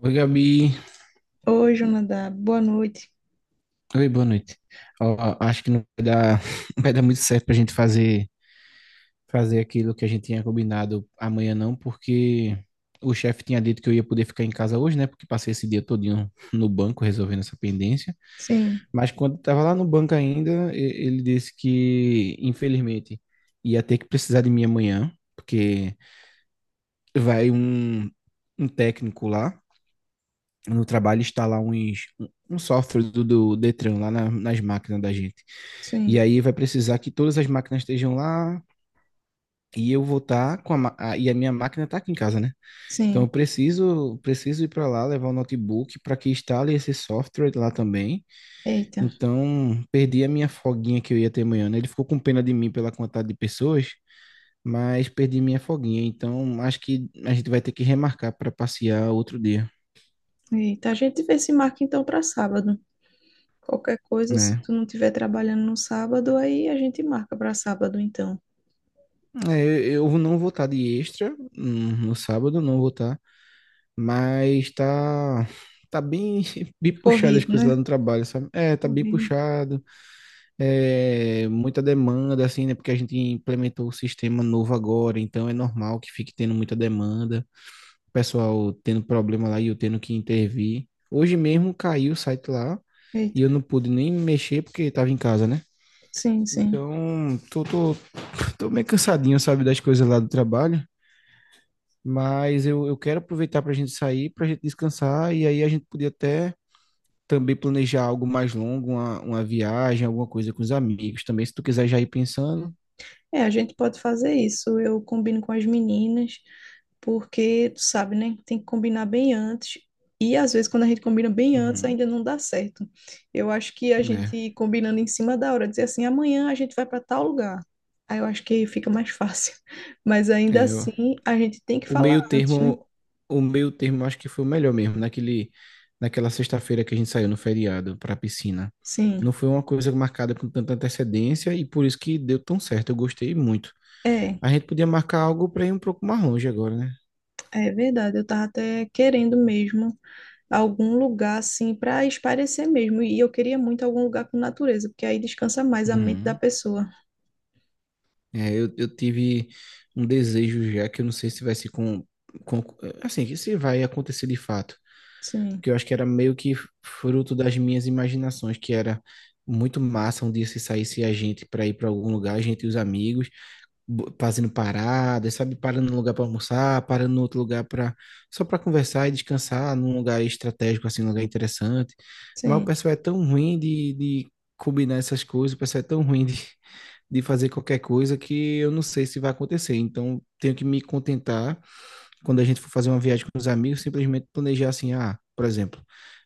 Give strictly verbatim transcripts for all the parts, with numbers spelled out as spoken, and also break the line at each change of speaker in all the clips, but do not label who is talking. Oi, Gabi.
Oi, Jonadab. Boa noite.
Oi, boa noite. Ó, acho que não vai dar, não vai dar muito certo pra gente fazer, fazer aquilo que a gente tinha combinado amanhã, não, porque o chefe tinha dito que eu ia poder ficar em casa hoje, né? Porque passei esse dia todinho no banco resolvendo essa pendência.
Sim,
Mas quando eu tava lá no banco ainda, e- ele disse que, infelizmente, ia ter que precisar de mim amanhã, porque vai um, um técnico lá no trabalho instalar uns, um software do, do Detran lá na- nas máquinas da gente.
sim,
E aí vai precisar que todas as máquinas estejam lá e eu vou estar com a, ma- a- e a minha máquina está aqui em casa, né? Então eu
sim.
preciso preciso ir para lá levar o notebook para que instale esse software lá também.
Eita,
Então perdi a minha folguinha que eu ia ter amanhã, né? Ele ficou com pena de mim pela quantidade de pessoas, mas perdi minha folguinha. Então acho que a gente vai ter que remarcar para passear outro dia,
eita. A gente vê se marca então para sábado. Qualquer coisa, se
né?
tu não estiver trabalhando no sábado, aí a gente marca para sábado então.
É, eu não vou estar de extra, hum, no sábado, não vou estar, mas tá, tá bem, bem puxado as
Corrido,
coisas lá
né?
no trabalho, sabe? É, tá bem
Corrido.
puxado, é, muita demanda, assim, né? Porque a gente implementou o sistema novo agora, então é normal que fique tendo muita demanda, o pessoal tendo problema lá e eu tendo que intervir. Hoje mesmo caiu o site lá e
Eita.
eu não pude nem mexer porque estava em casa, né?
Sim, sim.
Então, tô, tô, tô meio cansadinho, sabe, das coisas lá do trabalho. Mas eu, eu quero aproveitar para a gente sair, para a gente descansar, e aí a gente podia até também planejar algo mais longo, uma, uma viagem, alguma coisa com os amigos também, se tu quiser já ir pensando.
É, a gente pode fazer isso. Eu combino com as meninas, porque, tu sabe, né? Tem que combinar bem antes. E às vezes, quando a gente combina bem antes,
Uhum.
ainda não dá certo. Eu acho que a
Né?
gente combinando em cima da hora, dizer assim, amanhã a gente vai para tal lugar. Aí eu acho que fica mais fácil. Mas ainda
É, o
assim, a gente tem que
o
falar
meio
antes, né?
termo, o meio termo eu acho que foi o melhor mesmo, naquele, naquela sexta-feira que a gente saiu no feriado para a piscina. Não
Sim,
foi uma coisa marcada com tanta antecedência e por isso que deu tão certo, eu gostei muito.
é,
A gente podia marcar algo para ir um pouco mais longe agora, né?
é verdade. Eu tava até querendo mesmo algum lugar assim para espairecer mesmo. E eu queria muito algum lugar com natureza, porque aí descansa mais a mente da
Uhum.
pessoa.
É, eu, eu tive um desejo já que eu não sei se vai se com, com assim, que se vai acontecer de fato,
Sim,
que eu acho que era meio que fruto das minhas imaginações, que era muito massa um dia se saísse a gente para ir para algum lugar, a gente e os amigos, bo- fazendo paradas, sabe? Parando num lugar para almoçar, parando no outro lugar para só para conversar e descansar num lugar estratégico, assim, um lugar interessante. Mas o
sim,
pessoal é tão ruim de, de combinar essas coisas, o pessoal é tão ruim de, de fazer qualquer coisa que eu não sei se vai acontecer. Então, tenho que me contentar quando a gente for fazer uma viagem com os amigos, simplesmente planejar assim, ah, por exemplo,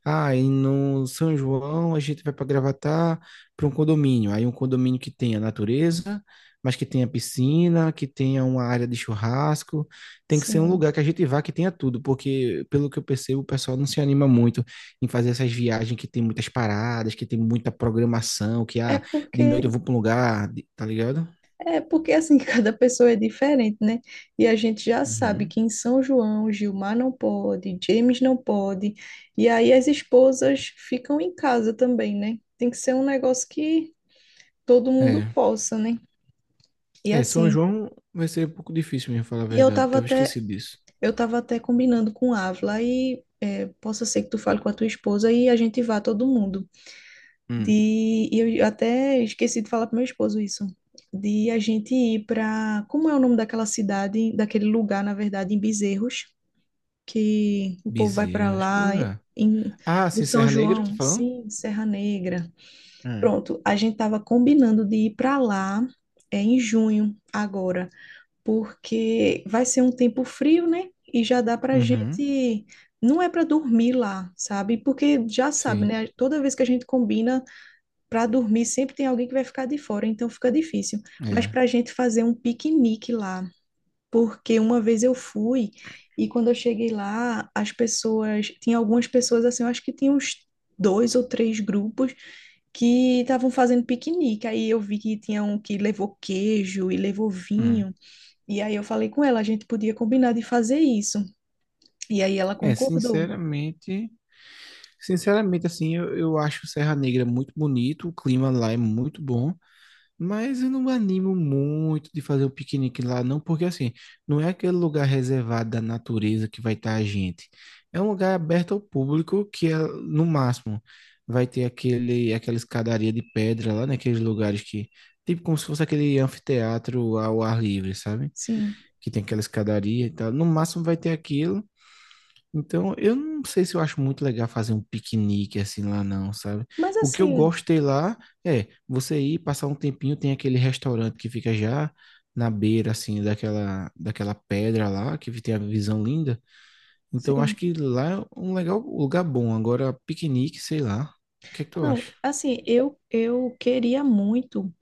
ah, e no São João a gente vai para Gravatar para um condomínio. Aí um condomínio que tenha natureza, mas que tenha piscina, que tenha uma área de churrasco. Tem que ser um
sim.
lugar que a gente vá que tenha tudo, porque pelo que eu percebo, o pessoal não se anima muito em fazer essas viagens que tem muitas paradas, que tem muita programação, que
É
ah, de
porque
noite eu vou para um lugar, de- tá ligado?
é porque assim cada pessoa é diferente, né? E a gente já sabe
Uhum.
que em São João Gilmar não pode, James não pode, e aí as esposas ficam em casa também, né? Tem que ser um negócio que todo mundo
É.
possa, né? E
É, São
assim,
João vai ser um pouco difícil mesmo, falar a
e eu
verdade.
tava
Tava
até
esquecido disso.
Eu estava até combinando com a Ávila e é, possa ser que tu fale com a tua esposa e a gente vá todo mundo.
Hum.
De, e eu até esqueci de falar para meu esposo isso. De a gente ir para, como é o nome daquela cidade, daquele lugar, na verdade, em Bezerros, que o povo vai para
Bezerros, que
lá
lugar.
em,
Ah,
do
sim,
São
Serra Negra, tá
João,
falando?
sim, Serra Negra.
Hum.
Pronto, a gente estava combinando de ir para lá é, em junho agora, porque vai ser um tempo frio, né? E já dá para
Uhum.
gente. Não é para dormir lá, sabe? Porque já sabe,
Sim.
né? Toda vez que a gente combina para dormir, sempre tem alguém que vai ficar de fora, então fica difícil. Mas
É.
para a gente fazer um piquenique lá, porque uma vez eu fui e quando eu cheguei lá, as pessoas. Tinha algumas pessoas assim, eu acho que tinha uns. Dois ou três grupos que estavam fazendo piquenique. Aí eu vi que tinha um que levou queijo e levou
Hum.
vinho. E aí eu falei com ela, a gente podia combinar de fazer isso. E aí ela
É,
concordou.
sinceramente, sinceramente, assim, eu, eu acho Serra Negra muito bonito, o clima lá é muito bom. Mas eu não me animo muito de fazer um piquenique lá, não, porque assim, não é aquele lugar reservado da natureza que vai estar a gente. É um lugar aberto ao público que é, no máximo vai ter aquele, aquela escadaria de pedra lá, naqueles lugares que, tipo como se fosse aquele anfiteatro ao ar livre, sabe?
Sim.
Que tem aquela escadaria e tal. No máximo vai ter aquilo. Então, eu não sei se eu acho muito legal fazer um piquenique assim lá, não, sabe?
Mas
O que eu
assim,
gostei lá é você ir passar um tempinho, tem aquele restaurante que fica já na beira, assim, daquela, daquela pedra lá, que tem a visão linda. Então, eu acho
sim.
que lá é um legal um lugar bom. Agora, piquenique, sei lá. O que é que tu
Não,
acha?
assim, eu eu queria muito,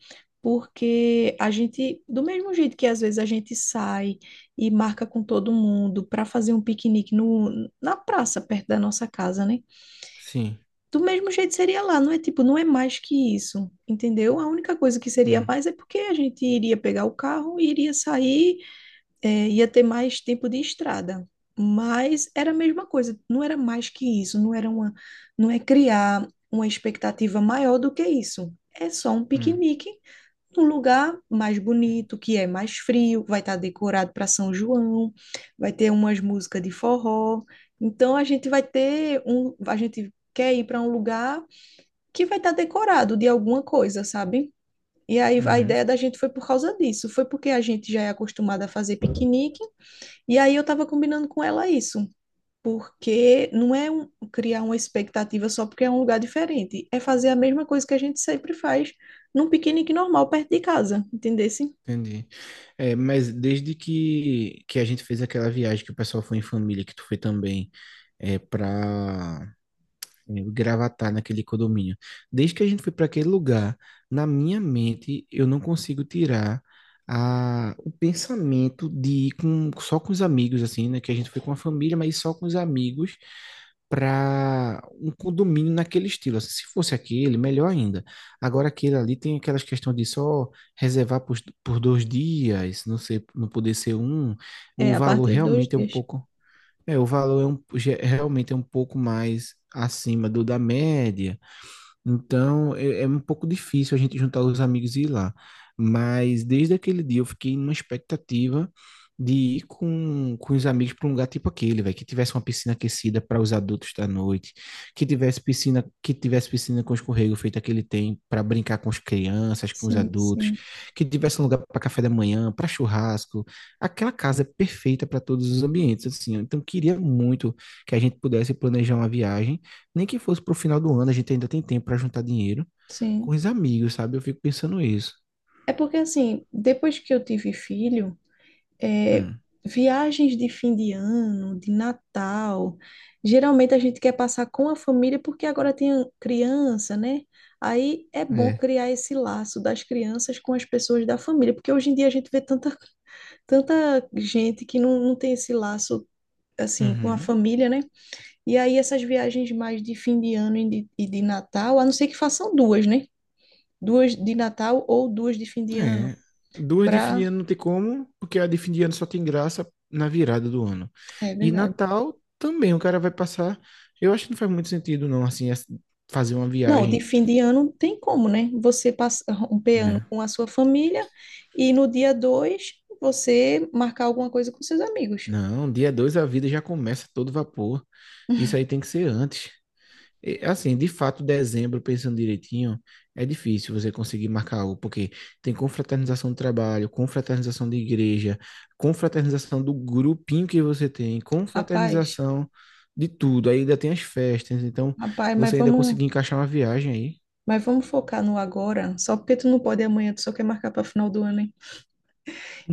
porque a gente, do mesmo jeito que às vezes a gente sai e marca com todo mundo para fazer um piquenique no, na praça perto da nossa casa, né?
Sim.
Do mesmo jeito seria lá, não é tipo, não é mais que isso, entendeu? A única coisa que seria
Hum,
mais é porque a gente iria pegar o carro, iria sair, é, ia ter mais tempo de estrada. Mas era a mesma coisa, não era mais que isso, não era uma, não é criar uma expectativa maior do que isso. É só um
hum,
piquenique num lugar mais bonito, que é mais frio, vai estar decorado para São João, vai ter umas músicas de forró. Então a gente vai ter um, a gente quer ir para um lugar que vai estar decorado de alguma coisa, sabe? E aí a
uhum,
ideia da gente foi por causa disso, foi porque a gente já é acostumada a fazer piquenique, e aí eu tava combinando com ela isso, porque não é um- criar uma expectativa só porque é um lugar diferente, é fazer a mesma coisa que a gente sempre faz num piquenique normal perto de casa, entendesse?
entendi. É, mas desde que, que a gente fez aquela viagem que o pessoal foi em família, que tu foi também, é, para É, o Gravatar naquele condomínio. Desde que a gente foi para aquele lugar, na minha mente, eu não consigo tirar a, o pensamento de ir com, só com os amigos, assim, né? Que a gente foi com a família, mas só com os amigos para um condomínio naquele estilo. Assim, se fosse aquele, melhor ainda. Agora, aquele ali tem aquelas questões de só reservar por, por dois dias, não sei, não poder ser um. O
É, a
valor
partir de dois
realmente é um
dias.
pouco. É, o valor é um, ge- realmente é um pouco mais acima do da média, então, é, é um pouco difícil a gente juntar os amigos e ir lá. Mas desde aquele dia eu fiquei numa expectativa de ir com, com os amigos para um lugar tipo aquele, velho, que tivesse uma piscina aquecida para os adultos da noite, que tivesse piscina, que tivesse piscina com escorrego feito aquele tem para brincar com as crianças, com os
Sim,
adultos,
sim,
que tivesse um lugar para café da manhã, para churrasco. Aquela casa perfeita para todos os ambientes, assim. Então, queria muito que a gente pudesse planejar uma viagem nem que fosse pro final do ano, a gente ainda tem tempo pra juntar dinheiro com
sim.
os amigos, sabe? Eu fico pensando isso.
É porque assim, depois que eu tive filho, é,
Hum.
viagens de fim de ano, de Natal. Geralmente a gente quer passar com a família, porque agora tem criança, né? Aí é bom
É.
criar esse laço das crianças com as pessoas da família, porque hoje em dia a gente vê tanta, tanta gente que não, não tem esse laço assim com a
Uhum.
família, né? E aí essas viagens mais de fim de ano e de, e de Natal, a não ser que façam duas, né? Duas de Natal ou duas de fim de ano,
É. Duas de fim de
para...
ano não tem como, porque a de fim de ano só tem graça na virada do ano.
É
E
verdade.
Natal também, o cara vai passar. Eu acho que não faz muito sentido, não, assim, as- fazer uma
Não, de
viagem,
fim de ano não tem como, né? Você passar um ano
né?
com a sua família e no dia dois você marcar alguma coisa com seus amigos.
Não, dia dois a vida já começa todo vapor. Isso aí tem que ser antes. E, Assim, de fato, dezembro, pensando direitinho, é difícil você conseguir marcar algo, porque tem confraternização do trabalho, confraternização de igreja, confraternização do grupinho que você tem,
Rapaz,
confraternização de tudo. Aí ainda tem as festas, então
rapaz, mas
você ainda
vamos,
conseguir encaixar uma viagem aí.
mas vamos focar no agora. Só porque tu não pode amanhã, tu só quer marcar para final do ano, hein?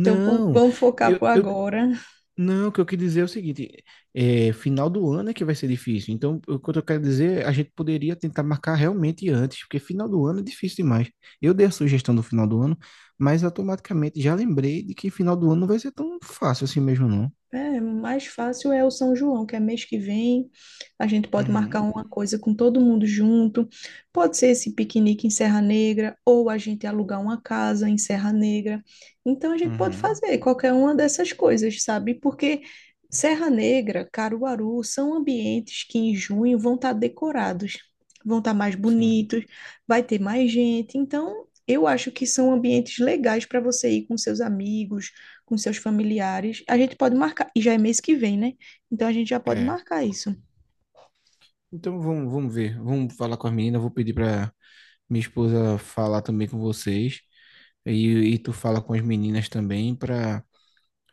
Então vamos, vamos focar
eu,
pro
eu
agora.
não, o que eu quis dizer é o seguinte, é, final do ano é que vai ser difícil. Então, o que eu quero dizer, é, a gente poderia tentar marcar realmente antes, porque final do ano é difícil demais. Eu dei a sugestão do final do ano, mas automaticamente já lembrei de que final do ano não vai ser tão fácil assim mesmo, não.
É, mais fácil é o São João, que é mês que vem. A gente pode marcar
Uhum,
uma coisa com todo mundo junto. Pode ser esse piquenique em Serra Negra, ou a gente alugar uma casa em Serra Negra. Então a gente pode
uhum,
fazer qualquer uma dessas coisas, sabe? Porque Serra Negra, Caruaru, são ambientes que em junho vão estar decorados, vão estar mais
sim.
bonitos, vai ter mais gente. Então eu acho que são ambientes legais para você ir com seus amigos, com seus familiares. A gente pode marcar, e já é mês que vem, né? Então a gente já pode
É.
marcar isso.
Então, vamos, vamos ver. Vamos falar com as meninas, vou pedir para minha esposa falar também com vocês. E, e tu fala com as meninas também para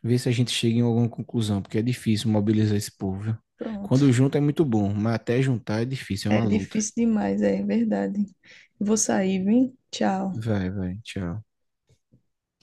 Ver se a gente chega em alguma conclusão, porque é difícil mobilizar esse povo, viu?
Pronto.
Quando junta é muito bom, mas até juntar é difícil, é
É
uma luta.
difícil demais, é verdade. Vou sair, viu? Tchau.
Vai, vai, tchau.